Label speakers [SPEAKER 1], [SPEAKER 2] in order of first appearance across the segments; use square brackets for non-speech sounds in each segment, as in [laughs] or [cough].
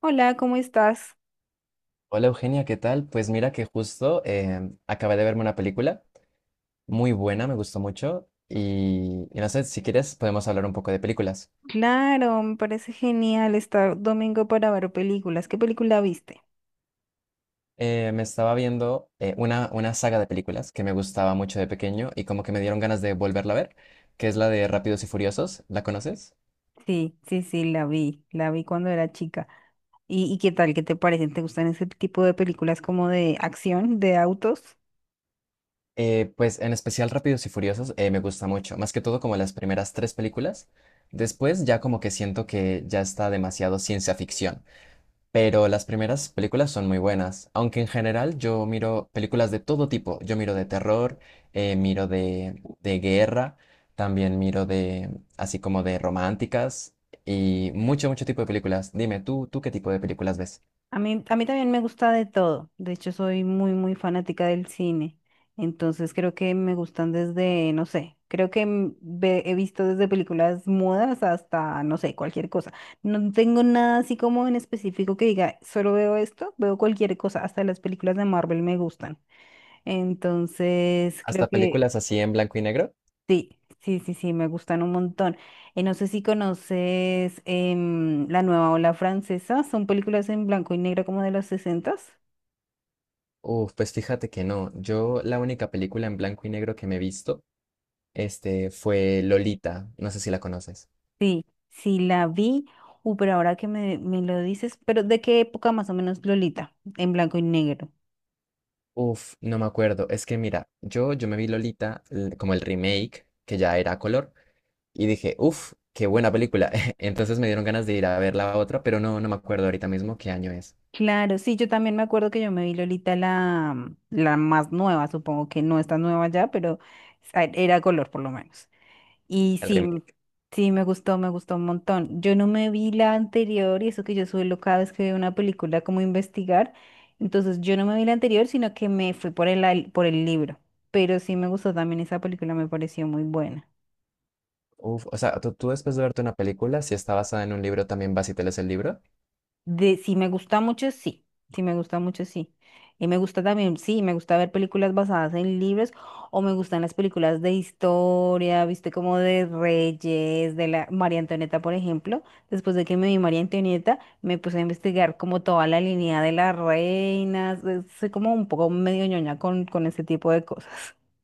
[SPEAKER 1] Hola, ¿cómo estás?
[SPEAKER 2] Hola Eugenia, ¿qué tal? Pues mira que justo acabé de verme una película muy buena, me gustó mucho y no sé, si quieres podemos hablar un poco de películas.
[SPEAKER 1] Claro, me parece genial estar domingo para ver películas. ¿Qué película viste?
[SPEAKER 2] Me estaba viendo una saga de películas que me gustaba mucho de pequeño y como que me dieron ganas de volverla a ver, que es la de Rápidos y Furiosos, ¿la conoces?
[SPEAKER 1] Sí, sí, sí, la vi cuando era chica. ¿Y qué tal? ¿Qué te parecen? ¿Te gustan ese tipo de películas como de acción, de autos?
[SPEAKER 2] Pues en especial Rápidos y Furiosos me gusta mucho, más que todo como las primeras tres películas. Después ya como que siento que ya está demasiado ciencia ficción. Pero las primeras películas son muy buenas, aunque en general yo miro películas de todo tipo. Yo miro de terror, miro de guerra, también miro de, así como de románticas y mucho, mucho tipo de películas. Dime, ¿tú qué tipo de películas ves?
[SPEAKER 1] A mí también me gusta de todo. De hecho, soy muy, muy fanática del cine. Entonces, creo que me gustan desde, no sé, creo que he visto desde películas mudas hasta, no sé, cualquier cosa. No tengo nada así como en específico que diga, solo veo esto, veo cualquier cosa. Hasta las películas de Marvel me gustan. Entonces, creo
[SPEAKER 2] ¿Hasta
[SPEAKER 1] que
[SPEAKER 2] películas así en blanco y negro?
[SPEAKER 1] sí, sí, sí, sí, me gustan un montón. No sé si conoces La Nueva Ola Francesa. Son películas en blanco y negro como de los 60.
[SPEAKER 2] Uf, pues fíjate que no. Yo la única película en blanco y negro que me he visto, este, fue Lolita. No sé si la conoces.
[SPEAKER 1] Sí, sí la vi. Pero ahora que me lo dices, pero ¿de qué época más o menos Lolita? En blanco y negro.
[SPEAKER 2] Uf, no me acuerdo. Es que mira, yo me vi Lolita como el remake, que ya era a color, y dije, uf, qué buena película. [laughs] Entonces me dieron ganas de ir a ver la otra, pero no, no me acuerdo ahorita mismo qué año es
[SPEAKER 1] Claro, sí, yo también me acuerdo que yo me vi Lolita la más nueva, supongo que no está nueva ya, pero era color por lo menos. Y
[SPEAKER 2] el
[SPEAKER 1] sí,
[SPEAKER 2] remake.
[SPEAKER 1] sí, me gustó un montón. Yo no me vi la anterior y eso que yo suelo cada vez que veo una película como investigar, entonces yo no me vi la anterior, sino que me fui por por el libro, pero sí me gustó también esa película, me pareció muy buena.
[SPEAKER 2] Uf, o sea, tú después de verte una película, si está basada en un libro, también vas y te lees el libro.
[SPEAKER 1] Si me gusta mucho, sí. Si me gusta mucho, sí. Y me gusta también, sí, me gusta ver películas basadas en libros o me gustan las películas de historia, viste, como de Reyes, de la María Antonieta, por ejemplo. Después de que me vi María Antonieta, me puse a investigar como toda la línea de las reinas. Soy como un poco medio ñoña con ese tipo de cosas. [laughs]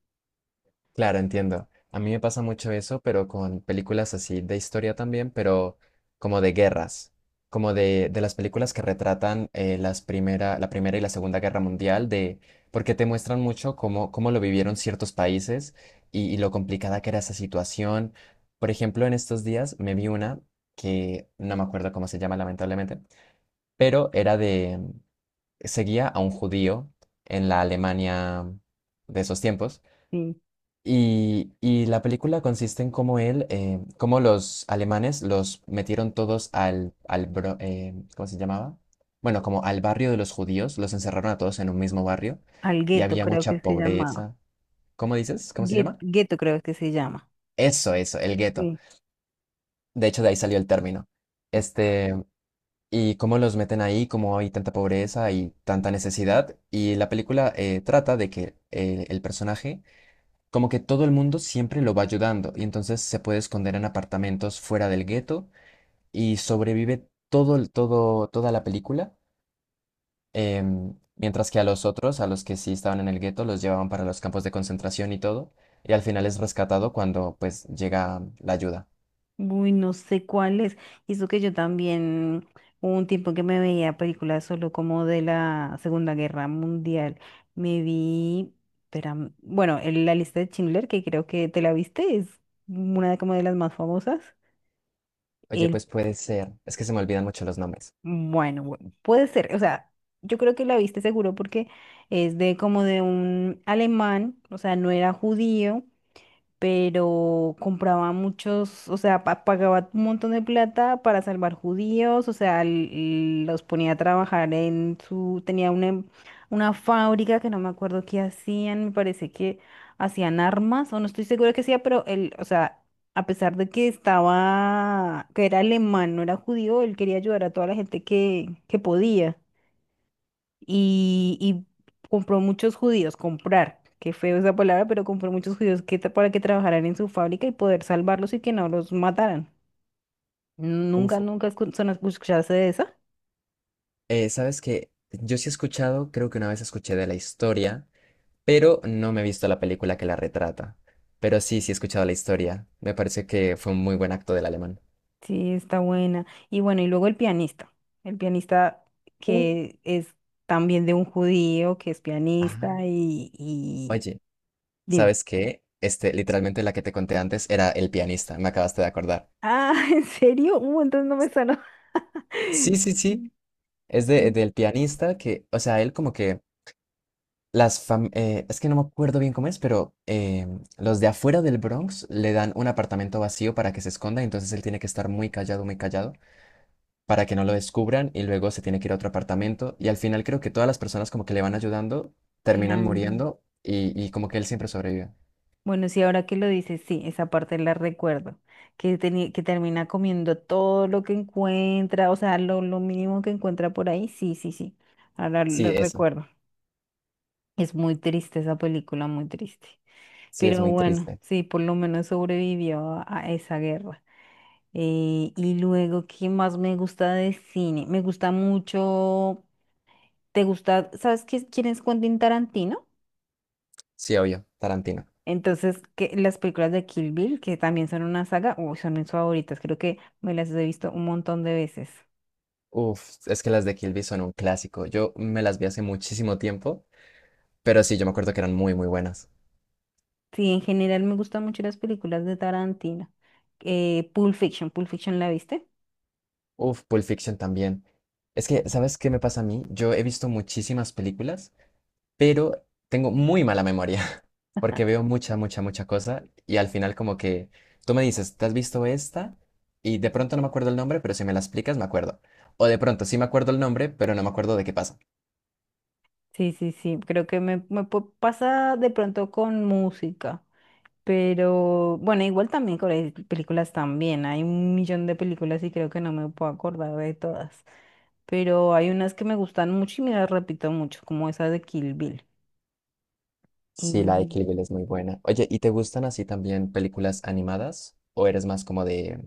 [SPEAKER 2] Claro, entiendo. A mí me pasa mucho eso, pero con películas así de historia también, pero como de guerras, como de las películas que retratan las primera, la Primera y la Segunda Guerra Mundial, de, porque te muestran mucho cómo, cómo lo vivieron ciertos países y lo complicada que era esa situación. Por ejemplo, en estos días me vi una que no me acuerdo cómo se llama, lamentablemente, pero era de, seguía a un judío en la Alemania de esos tiempos
[SPEAKER 1] Sí.
[SPEAKER 2] y la película consiste en cómo él, cómo los alemanes los metieron todos al, al ¿cómo se llamaba? Bueno, como al barrio de los judíos, los encerraron a todos en un mismo barrio
[SPEAKER 1] Al
[SPEAKER 2] y
[SPEAKER 1] gueto
[SPEAKER 2] había
[SPEAKER 1] creo que
[SPEAKER 2] mucha
[SPEAKER 1] se llamaba.
[SPEAKER 2] pobreza. ¿Cómo dices? ¿Cómo se
[SPEAKER 1] Guet-
[SPEAKER 2] llama?
[SPEAKER 1] Gueto creo que se llama.
[SPEAKER 2] Eso, el gueto.
[SPEAKER 1] Sí.
[SPEAKER 2] De hecho, de ahí salió el término. Este, y cómo los meten ahí, cómo hay tanta pobreza y tanta necesidad. Y la película trata de que el personaje, como que todo el mundo siempre lo va ayudando y entonces se puede esconder en apartamentos fuera del gueto y sobrevive toda la película, mientras que a los otros, a los que sí estaban en el gueto, los llevaban para los campos de concentración y todo, y al final es rescatado cuando pues llega la ayuda.
[SPEAKER 1] Uy, no sé cuál es. Y eso que yo también, hubo un tiempo que me veía películas solo como de la Segunda Guerra Mundial. Me vi, espera, bueno, La lista de Schindler, que creo que te la viste, es una de como de las más famosas.
[SPEAKER 2] Oye,
[SPEAKER 1] El,
[SPEAKER 2] pues puede ser, es que se me olvidan mucho los nombres.
[SPEAKER 1] bueno, puede ser, o sea, yo creo que la viste seguro porque es de como de un alemán, o sea, no era judío pero compraba muchos, o sea, pagaba un montón de plata para salvar judíos, o sea, los ponía a trabajar en su, tenía una, una fábrica que no me acuerdo qué hacían, me parece que hacían armas, o no estoy segura que hacía, pero él, o sea, a pesar de que estaba, que era alemán, no era judío, él quería ayudar a toda la gente que podía y compró muchos judíos, comprar, qué feo esa palabra, pero compró muchos judíos que, para que trabajaran en su fábrica y poder salvarlos y que no los mataran. Nunca,
[SPEAKER 2] Uf.
[SPEAKER 1] nunca escuchaste de esa.
[SPEAKER 2] ¿Sabes qué? Yo sí he escuchado, creo que una vez escuché de la historia pero no me he visto la película que la retrata. Pero sí, sí he escuchado la historia. Me parece que fue un muy buen acto del alemán.
[SPEAKER 1] Sí, está buena. Y bueno, y luego El pianista. El pianista
[SPEAKER 2] Uh.
[SPEAKER 1] que es también de un judío, que es
[SPEAKER 2] Ajá.
[SPEAKER 1] pianista y...
[SPEAKER 2] Oye,
[SPEAKER 1] Dime.
[SPEAKER 2] ¿sabes qué? Este, literalmente la que te conté antes era El pianista, me acabaste de acordar.
[SPEAKER 1] Ah, [laughs] ¿en serio? Entonces no me sonó.
[SPEAKER 2] Sí, sí, sí.
[SPEAKER 1] [laughs]
[SPEAKER 2] Es de, del pianista que, o sea, él como que es que no me acuerdo bien cómo es, pero los de afuera del Bronx le dan un apartamento vacío para que se esconda, entonces él tiene que estar muy callado, muy callado, para que no lo descubran y luego se tiene que ir a otro apartamento. Y al final creo que todas las personas como que le van ayudando terminan
[SPEAKER 1] Claro.
[SPEAKER 2] muriendo y como que él siempre sobrevive.
[SPEAKER 1] Bueno, sí, ahora que lo dices, sí, esa parte la recuerdo, que, que termina comiendo todo lo que encuentra, o sea, lo mínimo que encuentra por ahí, sí, sí, sí, ahora
[SPEAKER 2] Sí,
[SPEAKER 1] lo
[SPEAKER 2] eso.
[SPEAKER 1] recuerdo. Es muy triste esa película, muy triste,
[SPEAKER 2] Sí, es
[SPEAKER 1] pero
[SPEAKER 2] muy
[SPEAKER 1] bueno,
[SPEAKER 2] triste.
[SPEAKER 1] sí, por lo menos sobrevivió a esa guerra. Y luego, ¿qué más me gusta de cine? Me gusta mucho, ¿te gusta, sabes qué, quién es Quentin Tarantino?
[SPEAKER 2] Sí, obvio, Tarantino.
[SPEAKER 1] Entonces, que las películas de Kill Bill, que también son una saga, uy, son mis favoritas, creo que me las he visto un montón de veces.
[SPEAKER 2] Uf, es que las de Kill Bill son un clásico. Yo me las vi hace muchísimo tiempo, pero sí, yo me acuerdo que eran muy, muy buenas.
[SPEAKER 1] Sí, en general me gustan mucho las películas de Tarantino. Pulp Fiction, ¿Pulp Fiction la viste?
[SPEAKER 2] Uf, Pulp Fiction también. Es que, ¿sabes qué me pasa a mí? Yo he visto muchísimas películas, pero tengo muy mala memoria, porque veo mucha, mucha, mucha cosa y al final como que tú me dices, ¿te has visto esta? Y de pronto no me acuerdo el nombre, pero si me la explicas me acuerdo. O de pronto sí me acuerdo el nombre, pero no me acuerdo de qué pasa.
[SPEAKER 1] Sí, sí, sí, creo que me pasa de pronto con música, pero bueno, igual también con las películas también, hay un millón de películas y creo que no me puedo acordar de todas, pero hay unas que me gustan mucho y me las repito mucho, como esa de Kill Bill.
[SPEAKER 2] Sí, la de Kill
[SPEAKER 1] Y
[SPEAKER 2] Bill es muy buena. Oye, ¿y te gustan así también películas animadas o eres más como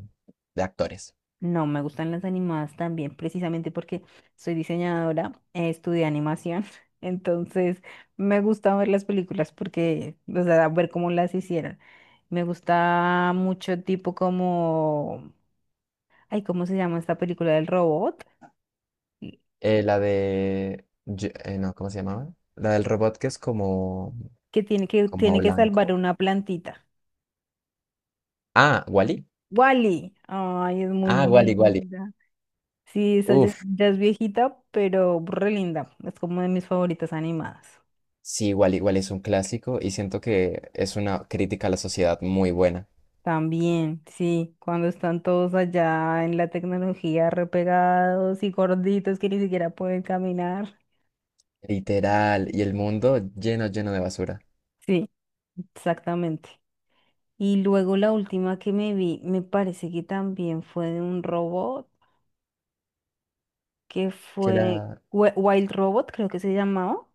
[SPEAKER 2] de actores?
[SPEAKER 1] No, me gustan las animadas también, precisamente porque soy diseñadora, estudié animación, [laughs] entonces me gusta ver las películas porque, o sea, ver cómo las hicieron. Me gusta mucho tipo como, ay, ¿cómo se llama esta película del robot? Y-
[SPEAKER 2] No, ¿cómo se llamaba? La del robot que es como,
[SPEAKER 1] Que tiene que,
[SPEAKER 2] como
[SPEAKER 1] tiene que salvar
[SPEAKER 2] blanco.
[SPEAKER 1] una plantita.
[SPEAKER 2] Ah, Wally.
[SPEAKER 1] Wally, ay, es muy
[SPEAKER 2] Ah, Wally, Wally.
[SPEAKER 1] linda. Sí, esa ya,
[SPEAKER 2] Uf.
[SPEAKER 1] ya es viejita, pero re linda. Es como de mis favoritas animadas.
[SPEAKER 2] Sí, igual, igual es un clásico y siento que es una crítica a la sociedad muy buena.
[SPEAKER 1] También, sí, cuando están todos allá en la tecnología repegados y gorditos que ni siquiera pueden caminar.
[SPEAKER 2] Literal, y el mundo lleno, lleno de basura.
[SPEAKER 1] Sí, exactamente. Y luego la última que me vi, me parece que también fue de un robot, que
[SPEAKER 2] Que
[SPEAKER 1] fue
[SPEAKER 2] la...
[SPEAKER 1] Wild Robot, creo que se llamaba.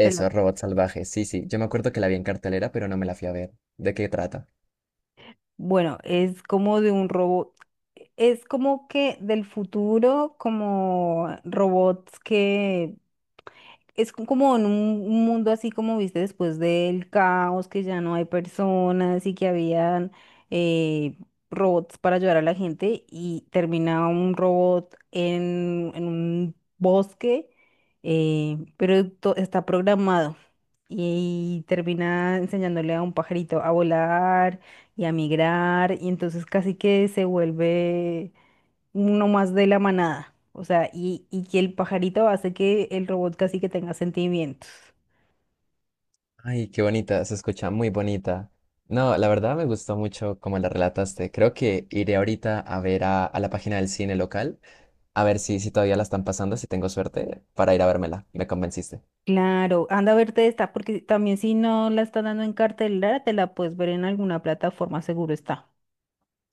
[SPEAKER 1] Te lo-
[SPEAKER 2] Robot Salvaje, sí, sí. Yo me acuerdo que la vi en cartelera, pero no me la fui a ver. ¿De qué trata?
[SPEAKER 1] Bueno, es como de un robot, es como que del futuro, como robots que como en un mundo así como viste después del caos, que ya no hay personas y que habían eh, robots para ayudar a la gente y termina un robot en un bosque, pero está programado y termina enseñándole a un pajarito a volar y a migrar y entonces casi que se vuelve uno más de la manada. O sea, y que el pajarito hace que el robot casi que tenga sentimientos.
[SPEAKER 2] Ay, qué bonita, se escucha muy bonita. No, la verdad me gustó mucho como la relataste. Creo que iré ahorita a ver a la página del cine local, a ver si, si todavía la están pasando, si tengo suerte, para ir a vérmela. Me convenciste.
[SPEAKER 1] Claro, anda a verte esta, porque también si no la están dando en cartelera, te la puedes ver en alguna plataforma, seguro está.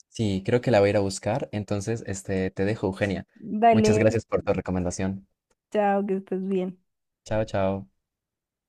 [SPEAKER 2] Sí, creo que la voy a ir a buscar. Entonces, este, te dejo, Eugenia.
[SPEAKER 1] Dale,
[SPEAKER 2] Muchas gracias por tu recomendación.
[SPEAKER 1] chao, que estés bien.
[SPEAKER 2] Chao, chao.